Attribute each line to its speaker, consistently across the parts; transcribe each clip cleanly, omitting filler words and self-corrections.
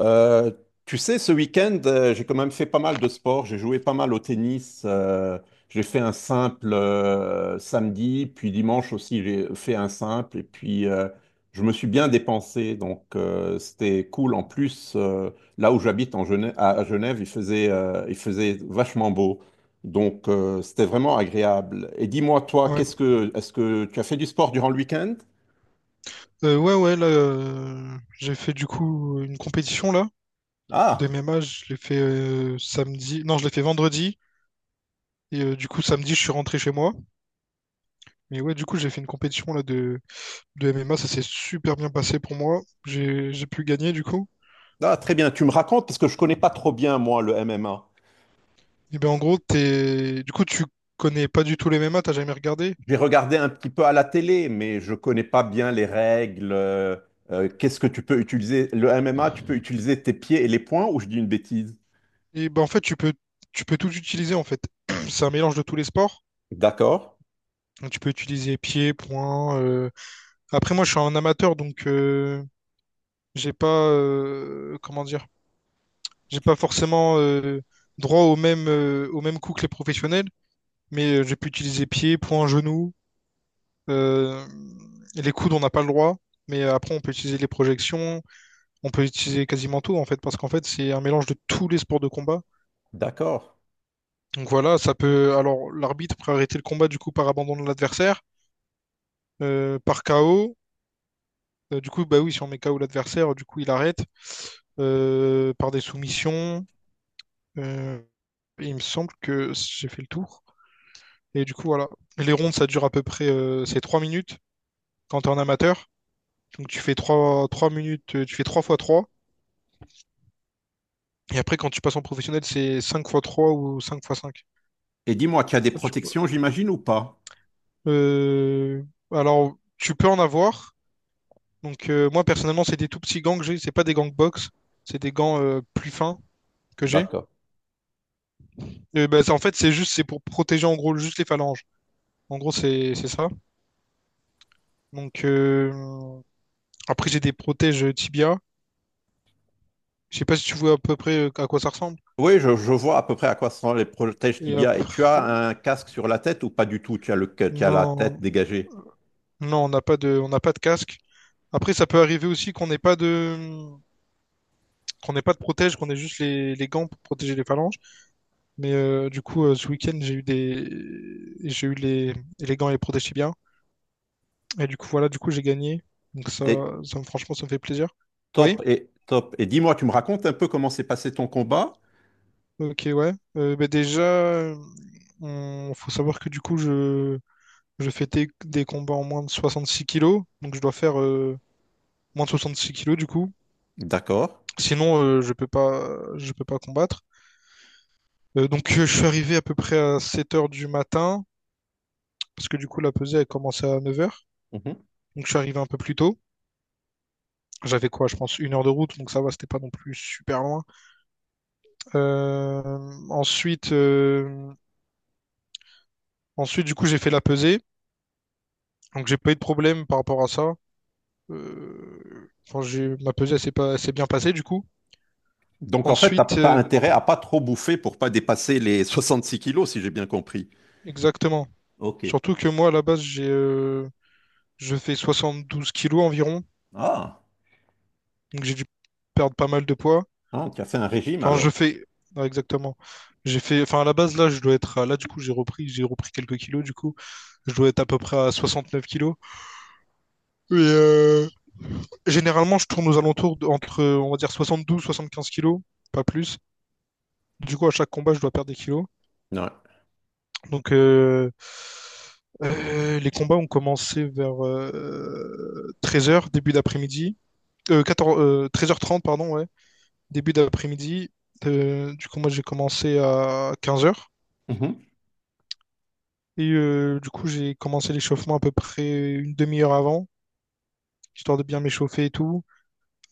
Speaker 1: Euh, Tu sais, ce week-end, j'ai quand même fait pas mal de sport. J'ai joué pas mal au tennis. J'ai fait un simple samedi, puis dimanche aussi, j'ai fait un simple. Et puis, je me suis bien dépensé. Donc, c'était cool. En plus, là où j'habite en Genève, à Genève, il faisait vachement beau. Donc, c'était vraiment agréable. Et dis-moi, toi,
Speaker 2: Ouais.
Speaker 1: est-ce que tu as fait du sport durant le week-end?
Speaker 2: Ouais, ouais, là, j'ai fait du coup une compétition là, de
Speaker 1: Ah,
Speaker 2: MMA. Je l'ai fait samedi, non, je l'ai fait vendredi. Et du coup samedi, je suis rentré chez moi. Mais ouais, du coup, j'ai fait une compétition là de MMA. Ça s'est super bien passé pour moi, j'ai pu gagner du coup.
Speaker 1: ah, très bien. Tu me racontes parce que je connais pas trop bien, moi, le MMA.
Speaker 2: Et ben en gros, du coup, tu connais pas du tout les MMA, t'as jamais regardé.
Speaker 1: J'ai regardé un petit peu à la télé, mais je connais pas bien les règles. Qu'est-ce que tu peux utiliser? Le MMA, tu peux utiliser tes pieds et les poings ou je dis une bêtise?
Speaker 2: Et ben en fait, tu peux tout utiliser en fait. C'est un mélange de tous les sports.
Speaker 1: D'accord,
Speaker 2: Donc, tu peux utiliser pied, poing. Après, moi, je suis un amateur, donc j'ai pas, comment dire, j'ai pas forcément droit au même, au même coup que les professionnels, mais j'ai pu utiliser pied, poing, genou. Euh, et les coudes, on n'a pas le droit, mais après on peut utiliser les projections, on peut utiliser quasiment tout en fait, parce qu'en fait c'est un mélange de tous les sports de combat.
Speaker 1: d'accord.
Speaker 2: Donc voilà, ça peut. Alors l'arbitre peut arrêter le combat du coup par abandon de l'adversaire, par KO. Du coup, bah oui, si on met KO l'adversaire, du coup il arrête, par des soumissions. euh, il me semble que j'ai fait le tour. Et du coup, voilà. Les rondes, ça dure à peu près, c'est 3 minutes quand t'es es en amateur. Donc tu fais trois minutes, tu fais 3 fois trois. Et après, quand tu passes en professionnel, c'est cinq fois 3 ou 5 fois 5.
Speaker 1: Et dis-moi, tu as des
Speaker 2: Du coup,
Speaker 1: protections, j'imagine, ou pas?
Speaker 2: euh, alors, tu peux en avoir. Donc moi, personnellement, c'est des tout petits gants que j'ai. C'est pas des gants box. C'est des gants, plus fins que j'ai.
Speaker 1: D'accord.
Speaker 2: Bah, en fait, c'est juste, c'est pour protéger en gros juste les phalanges. En gros, c'est ça. Donc après, j'ai des protèges tibia. Je sais pas si tu vois à peu près, à quoi ça ressemble.
Speaker 1: Oui, je vois à peu près à quoi seront les protèges
Speaker 2: Et
Speaker 1: tibia. Et tu as
Speaker 2: après,
Speaker 1: un casque sur la tête ou pas du tout? Tu as tu as la tête
Speaker 2: non,
Speaker 1: dégagée.
Speaker 2: non, on n'a pas de casque. Après, ça peut arriver aussi qu'on n'ait pas de protège, qu'on ait juste les gants pour protéger les phalanges. Mais du coup, ce week-end, j'ai eu les gants et les protèges tibias. Et du coup, voilà, du coup, j'ai gagné. Donc ça,
Speaker 1: Et
Speaker 2: franchement, ça me fait plaisir. Oui,
Speaker 1: et top. Et dis-moi, tu me racontes un peu comment s'est passé ton combat?
Speaker 2: ok, ouais. Bah déjà, faut savoir que du coup, je fais des combats en moins de 66 kilos. Donc je dois faire moins de 66 kilos du coup.
Speaker 1: D'accord.
Speaker 2: Sinon, je peux pas combattre. Donc, je suis arrivé à peu près à 7 heures du matin, parce que du coup, la pesée, elle commençait à 9 heures. Donc, je suis arrivé un peu plus tôt. J'avais quoi, je pense, une heure de route, donc ça va, c'était pas non plus super loin. Euh, Ensuite, du coup, j'ai fait la pesée. Donc, j'ai pas eu de problème par rapport à ça. Enfin, ma pesée, elle s'est pas, elle s'est bien passée, du coup.
Speaker 1: Donc en fait, tu
Speaker 2: Ensuite,
Speaker 1: as intérêt à pas trop bouffer pour pas dépasser les 66 kilos, si j'ai bien compris.
Speaker 2: exactement.
Speaker 1: Ok.
Speaker 2: Surtout que moi, à la base, je fais 72 kilos environ,
Speaker 1: Ah,
Speaker 2: donc j'ai dû perdre pas mal de poids.
Speaker 1: ah, tu as fait un régime
Speaker 2: Enfin,
Speaker 1: alors.
Speaker 2: non, exactement. J'ai fait, enfin, à la base, là, je dois être, à- là, du coup, j'ai repris quelques kilos, du coup, je dois être à peu près à 69 kilos. Et généralement, je tourne aux alentours entre, on va dire, 72, 75 kilos, pas plus. Du coup, à chaque combat, je dois perdre des kilos.
Speaker 1: Ouais.
Speaker 2: Donc, les combats ont commencé vers 13 heures, début d'après-midi. 13h30, pardon, ouais. Début d'après-midi. Du coup, moi, j'ai commencé à 15 heures.
Speaker 1: Mhm.
Speaker 2: Et du coup, j'ai commencé l'échauffement à peu près une demi-heure avant, histoire de bien m'échauffer et tout.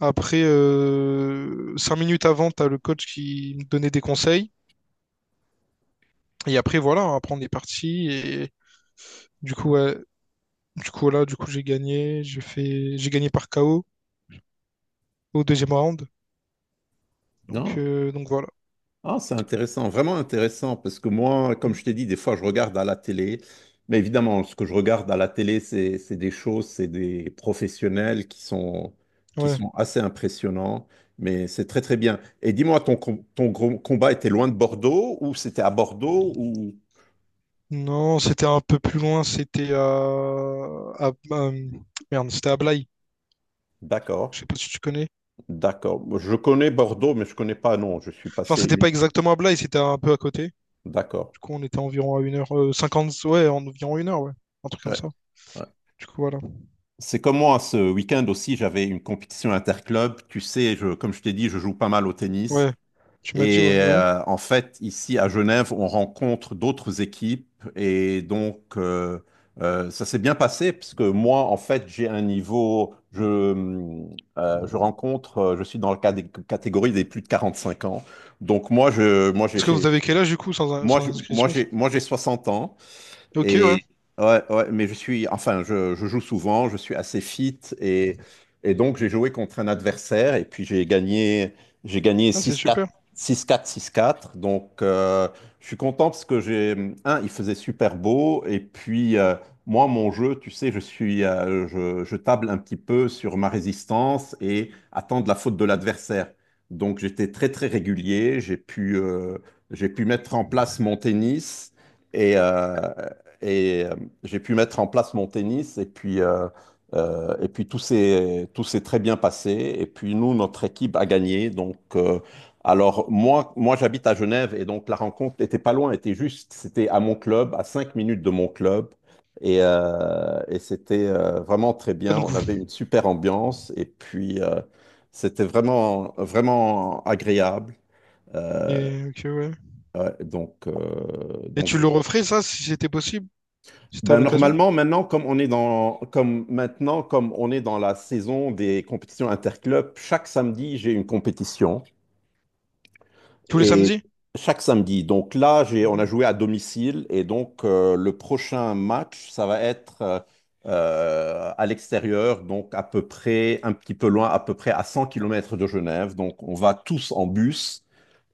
Speaker 2: Après, 5 minutes avant, t'as le coach qui me donnait des conseils. Et après, voilà, après, on est parti. Et du coup, ouais, du coup, voilà, du coup, j'ai gagné. J'ai gagné par KO au deuxième round. Donc,
Speaker 1: Non.
Speaker 2: voilà.
Speaker 1: Ah, c'est intéressant, vraiment intéressant, parce que moi, comme
Speaker 2: Mm.
Speaker 1: je t'ai dit, des fois, je regarde à la télé. Mais évidemment, ce que je regarde à la télé, c'est des choses, c'est des professionnels qui
Speaker 2: Ouais.
Speaker 1: sont assez impressionnants. Mais c'est très, très bien. Et dis-moi, ton gros combat était loin de Bordeaux ou c'était à Bordeaux ou...
Speaker 2: Non, c'était un peu plus loin. C'était à- à- merde, c'était à Blaye.
Speaker 1: D'accord.
Speaker 2: Je sais pas si tu connais.
Speaker 1: D'accord. Je connais Bordeaux, mais je connais pas, non. Je suis
Speaker 2: Enfin,
Speaker 1: passé
Speaker 2: c'était
Speaker 1: une.
Speaker 2: pas exactement à Blaye, c'était un peu à côté.
Speaker 1: D'accord.
Speaker 2: Du coup, on était environ à 1 h cinquante. Ouais, en environ une heure, ouais. Un truc comme
Speaker 1: Ouais.
Speaker 2: ça.
Speaker 1: Ouais.
Speaker 2: Du coup, voilà.
Speaker 1: C'est comme moi, ce week-end aussi, j'avais une compétition interclub. Tu sais, comme je t'ai dit, je joue pas mal au tennis.
Speaker 2: Ouais, tu m'as dit, ouais,
Speaker 1: Et
Speaker 2: ouais.
Speaker 1: en fait, ici à Genève, on rencontre d'autres équipes. Et donc, ça s'est bien passé, parce que moi, en fait, j'ai un niveau. Je suis dans la catégorie des plus de 45 ans. Donc, moi, je, moi,
Speaker 2: Parce que vous
Speaker 1: j'ai-
Speaker 2: avez quel âge, du coup, sans,
Speaker 1: moi,
Speaker 2: sans
Speaker 1: je-
Speaker 2: indiscrétion?
Speaker 1: moi, j'ai 60 ans.
Speaker 2: Ok, ouais.
Speaker 1: Et ouais, mais je suis, je joue souvent, je suis assez fit, et donc j'ai joué contre un adversaire et puis j'ai gagné
Speaker 2: Ah, c'est
Speaker 1: 6-4,
Speaker 2: super.
Speaker 1: 6-4, six quatre. Donc je suis content parce que il faisait super beau et puis moi, mon jeu, tu sais, je table un petit peu sur ma résistance et attendre la faute de l'adversaire. Donc j'étais très, très régulier, j'ai pu mettre en place mon tennis. Et, euh, et euh, j'ai pu mettre en place mon tennis et puis tout s'est très bien passé. Et puis nous, notre équipe a gagné. Donc, moi j'habite à Genève et donc la rencontre n'était pas loin, c'était à mon club, à cinq minutes de mon club. Et c'était vraiment très
Speaker 2: Ah,
Speaker 1: bien.
Speaker 2: donc,
Speaker 1: On avait une super ambiance et puis c'était vraiment, vraiment agréable. Euh,
Speaker 2: et, ok, ouais.
Speaker 1: ouais, donc, euh,
Speaker 2: Et
Speaker 1: donc
Speaker 2: tu le referais, ça, si c'était possible, si t'as
Speaker 1: ben,
Speaker 2: l'occasion?
Speaker 1: normalement, maintenant, comme on est dans la saison des compétitions interclubs, chaque samedi, j'ai une compétition.
Speaker 2: Tous les
Speaker 1: Et
Speaker 2: samedis?
Speaker 1: chaque samedi. On a
Speaker 2: Mhm,
Speaker 1: joué à domicile et donc le prochain match, ça va être à l'extérieur, donc à peu près, un petit peu loin, à peu près à 100 kilomètres de Genève. Donc on va tous en bus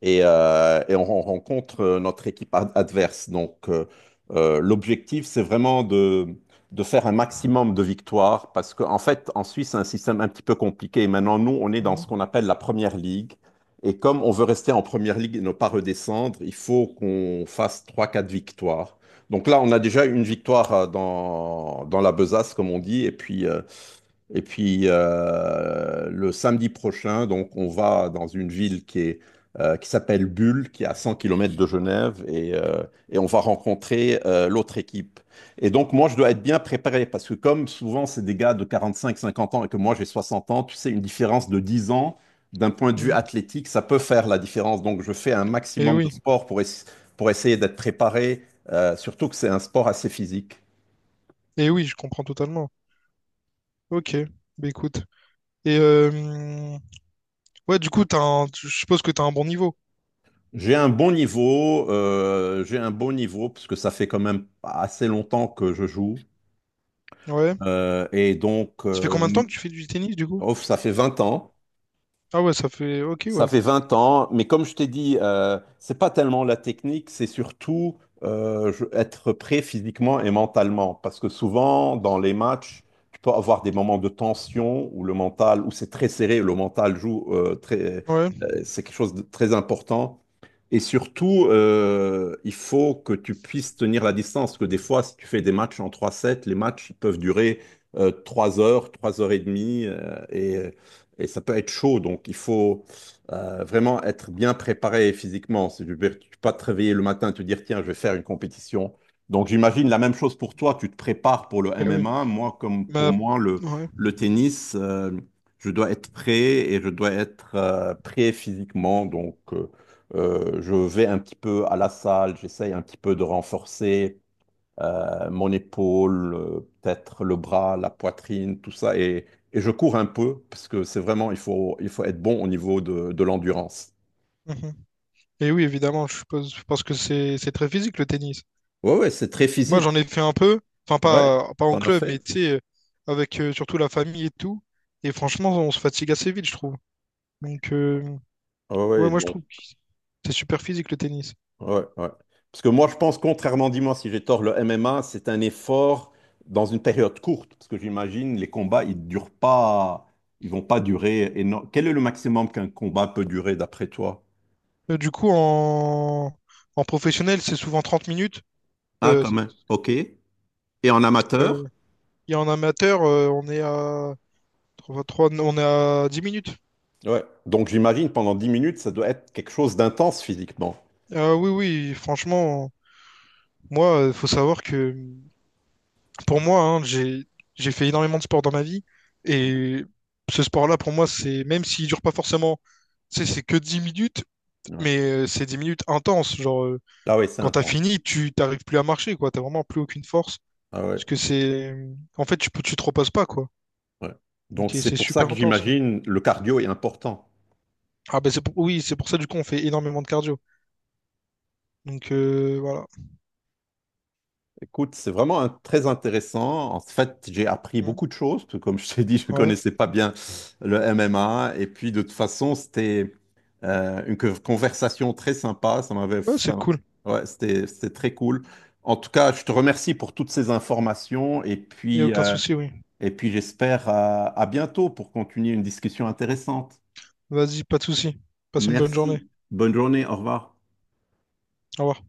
Speaker 1: et, on rencontre notre équipe adverse. Donc l'objectif, c'est vraiment de faire un maximum de victoires parce qu'en fait, en Suisse, c'est un système un petit peu compliqué. Maintenant, nous, on est dans ce
Speaker 2: mhm,
Speaker 1: qu'on appelle la première ligue. Et comme on veut rester en première ligue et ne pas redescendre, il faut qu'on fasse trois quatre victoires. Donc là, on a déjà une victoire dans la besace, comme on dit, et puis le samedi prochain, donc on va dans une ville qui s'appelle Bulle, qui est à 100 km de Genève, et on va rencontrer l'autre équipe. Et donc moi, je dois être bien préparé, parce que comme souvent c'est des gars de 45-50 ans et que moi j'ai 60 ans, tu sais, une différence de 10 ans, d'un point de vue
Speaker 2: mhm.
Speaker 1: athlétique, ça peut faire la différence. Donc je fais un
Speaker 2: Eh
Speaker 1: maximum de
Speaker 2: oui,
Speaker 1: sport pour essayer d'être préparé, surtout que c'est un sport assez physique.
Speaker 2: et oui, je comprends totalement. Ok, bah écoute. Et ouais, du coup, je suppose que t'as un bon niveau.
Speaker 1: J'ai un bon niveau, j'ai un bon niveau parce que ça fait quand même assez longtemps que je joue.
Speaker 2: Ouais.
Speaker 1: Euh, et donc,
Speaker 2: Ça fait combien de temps
Speaker 1: euh,
Speaker 2: que tu fais du tennis du coup?
Speaker 1: oh, ça fait 20 ans.
Speaker 2: Ah ouais, ça fait. Ok,
Speaker 1: Ça
Speaker 2: ouais.
Speaker 1: fait 20 ans, mais comme je t'ai dit, c'est pas tellement la technique, c'est surtout être prêt physiquement et mentalement. Parce que souvent, dans les matchs, tu peux avoir des moments de tension où c'est très serré, le mental joue
Speaker 2: Ouais,
Speaker 1: c'est quelque chose de très important. Et surtout, il faut que tu puisses tenir la distance, parce que des fois, si tu fais des matchs en trois sets, les matchs ils peuvent durer 3 heures, 3 heures et demie, et ça peut être chaud. Donc, il faut vraiment être bien préparé physiquement. Si tu ne peux pas te réveiller le matin et te dire, tiens, je vais faire une compétition. Donc, j'imagine la même chose pour toi. Tu te prépares pour le
Speaker 2: eh oui.
Speaker 1: MMA. Moi, comme pour
Speaker 2: Bah,
Speaker 1: moi,
Speaker 2: ouais.
Speaker 1: le tennis, je dois être prêt et je dois être prêt physiquement. Donc, je vais un petit peu à la salle, j'essaye un petit peu de renforcer mon épaule, peut-être le bras, la poitrine, tout ça. Et je cours un peu, parce que c'est vraiment, il faut être bon au niveau de l'endurance.
Speaker 2: Et oui, évidemment, je suppose, parce que c'est très physique le tennis.
Speaker 1: Ouais, ouais, c'est très
Speaker 2: Moi, j'en
Speaker 1: physique.
Speaker 2: ai fait un peu, enfin
Speaker 1: Ouais,
Speaker 2: pas en
Speaker 1: t'en as
Speaker 2: club,
Speaker 1: fait?
Speaker 2: mais tu sais, avec, surtout la famille et tout. Et franchement, on se fatigue assez vite, je trouve. Donc,
Speaker 1: Ouais,
Speaker 2: ouais,
Speaker 1: ouais,
Speaker 2: moi, je
Speaker 1: donc.
Speaker 2: trouve que c'est super physique le tennis.
Speaker 1: Ouais, ouais. Parce que moi, je pense, contrairement, dis-moi si j'ai tort, le MMA, c'est un effort dans une période courte. Parce que j'imagine, les combats, ils durent pas, ils vont pas durer énorme. Quel est le maximum qu'un combat peut durer d'après toi?
Speaker 2: Du coup, en professionnel, c'est souvent 30 minutes.
Speaker 1: Ah,
Speaker 2: Euh,
Speaker 1: quand même. OK. Et en
Speaker 2: euh,
Speaker 1: amateur?
Speaker 2: et en amateur, trois- on est à 10 minutes.
Speaker 1: Ouais. Donc, j'imagine, pendant 10 minutes, ça doit être quelque chose d'intense physiquement.
Speaker 2: Ah oui, oui, franchement, moi, il faut savoir que pour moi, hein, j'ai fait énormément de sport dans ma vie, et ce sport-là, pour moi, c'est même s'il dure pas forcément, tu sais, c'est que 10 minutes,
Speaker 1: Ouais.
Speaker 2: mais c'est 10 minutes intenses. Genre,
Speaker 1: Ah ouais, c'est
Speaker 2: quand t'as
Speaker 1: intense.
Speaker 2: fini, tu t'arrives plus à marcher, quoi. T'as vraiment plus aucune force
Speaker 1: Ah ouais,
Speaker 2: parce que c'est, en fait, tu te reposes pas, quoi.
Speaker 1: ouais. Donc,
Speaker 2: Donc et
Speaker 1: c'est
Speaker 2: c'est
Speaker 1: pour ça
Speaker 2: super
Speaker 1: que
Speaker 2: intense. Ouais.
Speaker 1: j'imagine, le cardio est important.
Speaker 2: Ah ben oui, c'est pour ça du coup on fait énormément de cardio. Donc voilà.
Speaker 1: Écoute, c'est très intéressant. En fait, j'ai appris
Speaker 2: Mm.
Speaker 1: beaucoup de choses, parce que comme je t'ai dit, je ne
Speaker 2: Ouais,
Speaker 1: connaissais pas bien le MMA. Et puis, de toute façon, c'était une conversation très sympa.
Speaker 2: ouais, c'est cool.
Speaker 1: Ouais, c'était très cool. En tout cas, je te remercie pour toutes ces informations. Et
Speaker 2: Il y a
Speaker 1: puis,
Speaker 2: aucun souci, oui.
Speaker 1: j'espère à bientôt pour continuer une discussion intéressante.
Speaker 2: Vas-y, pas de souci. Passe une bonne journée.
Speaker 1: Merci. Bonne journée. Au revoir.
Speaker 2: Au revoir.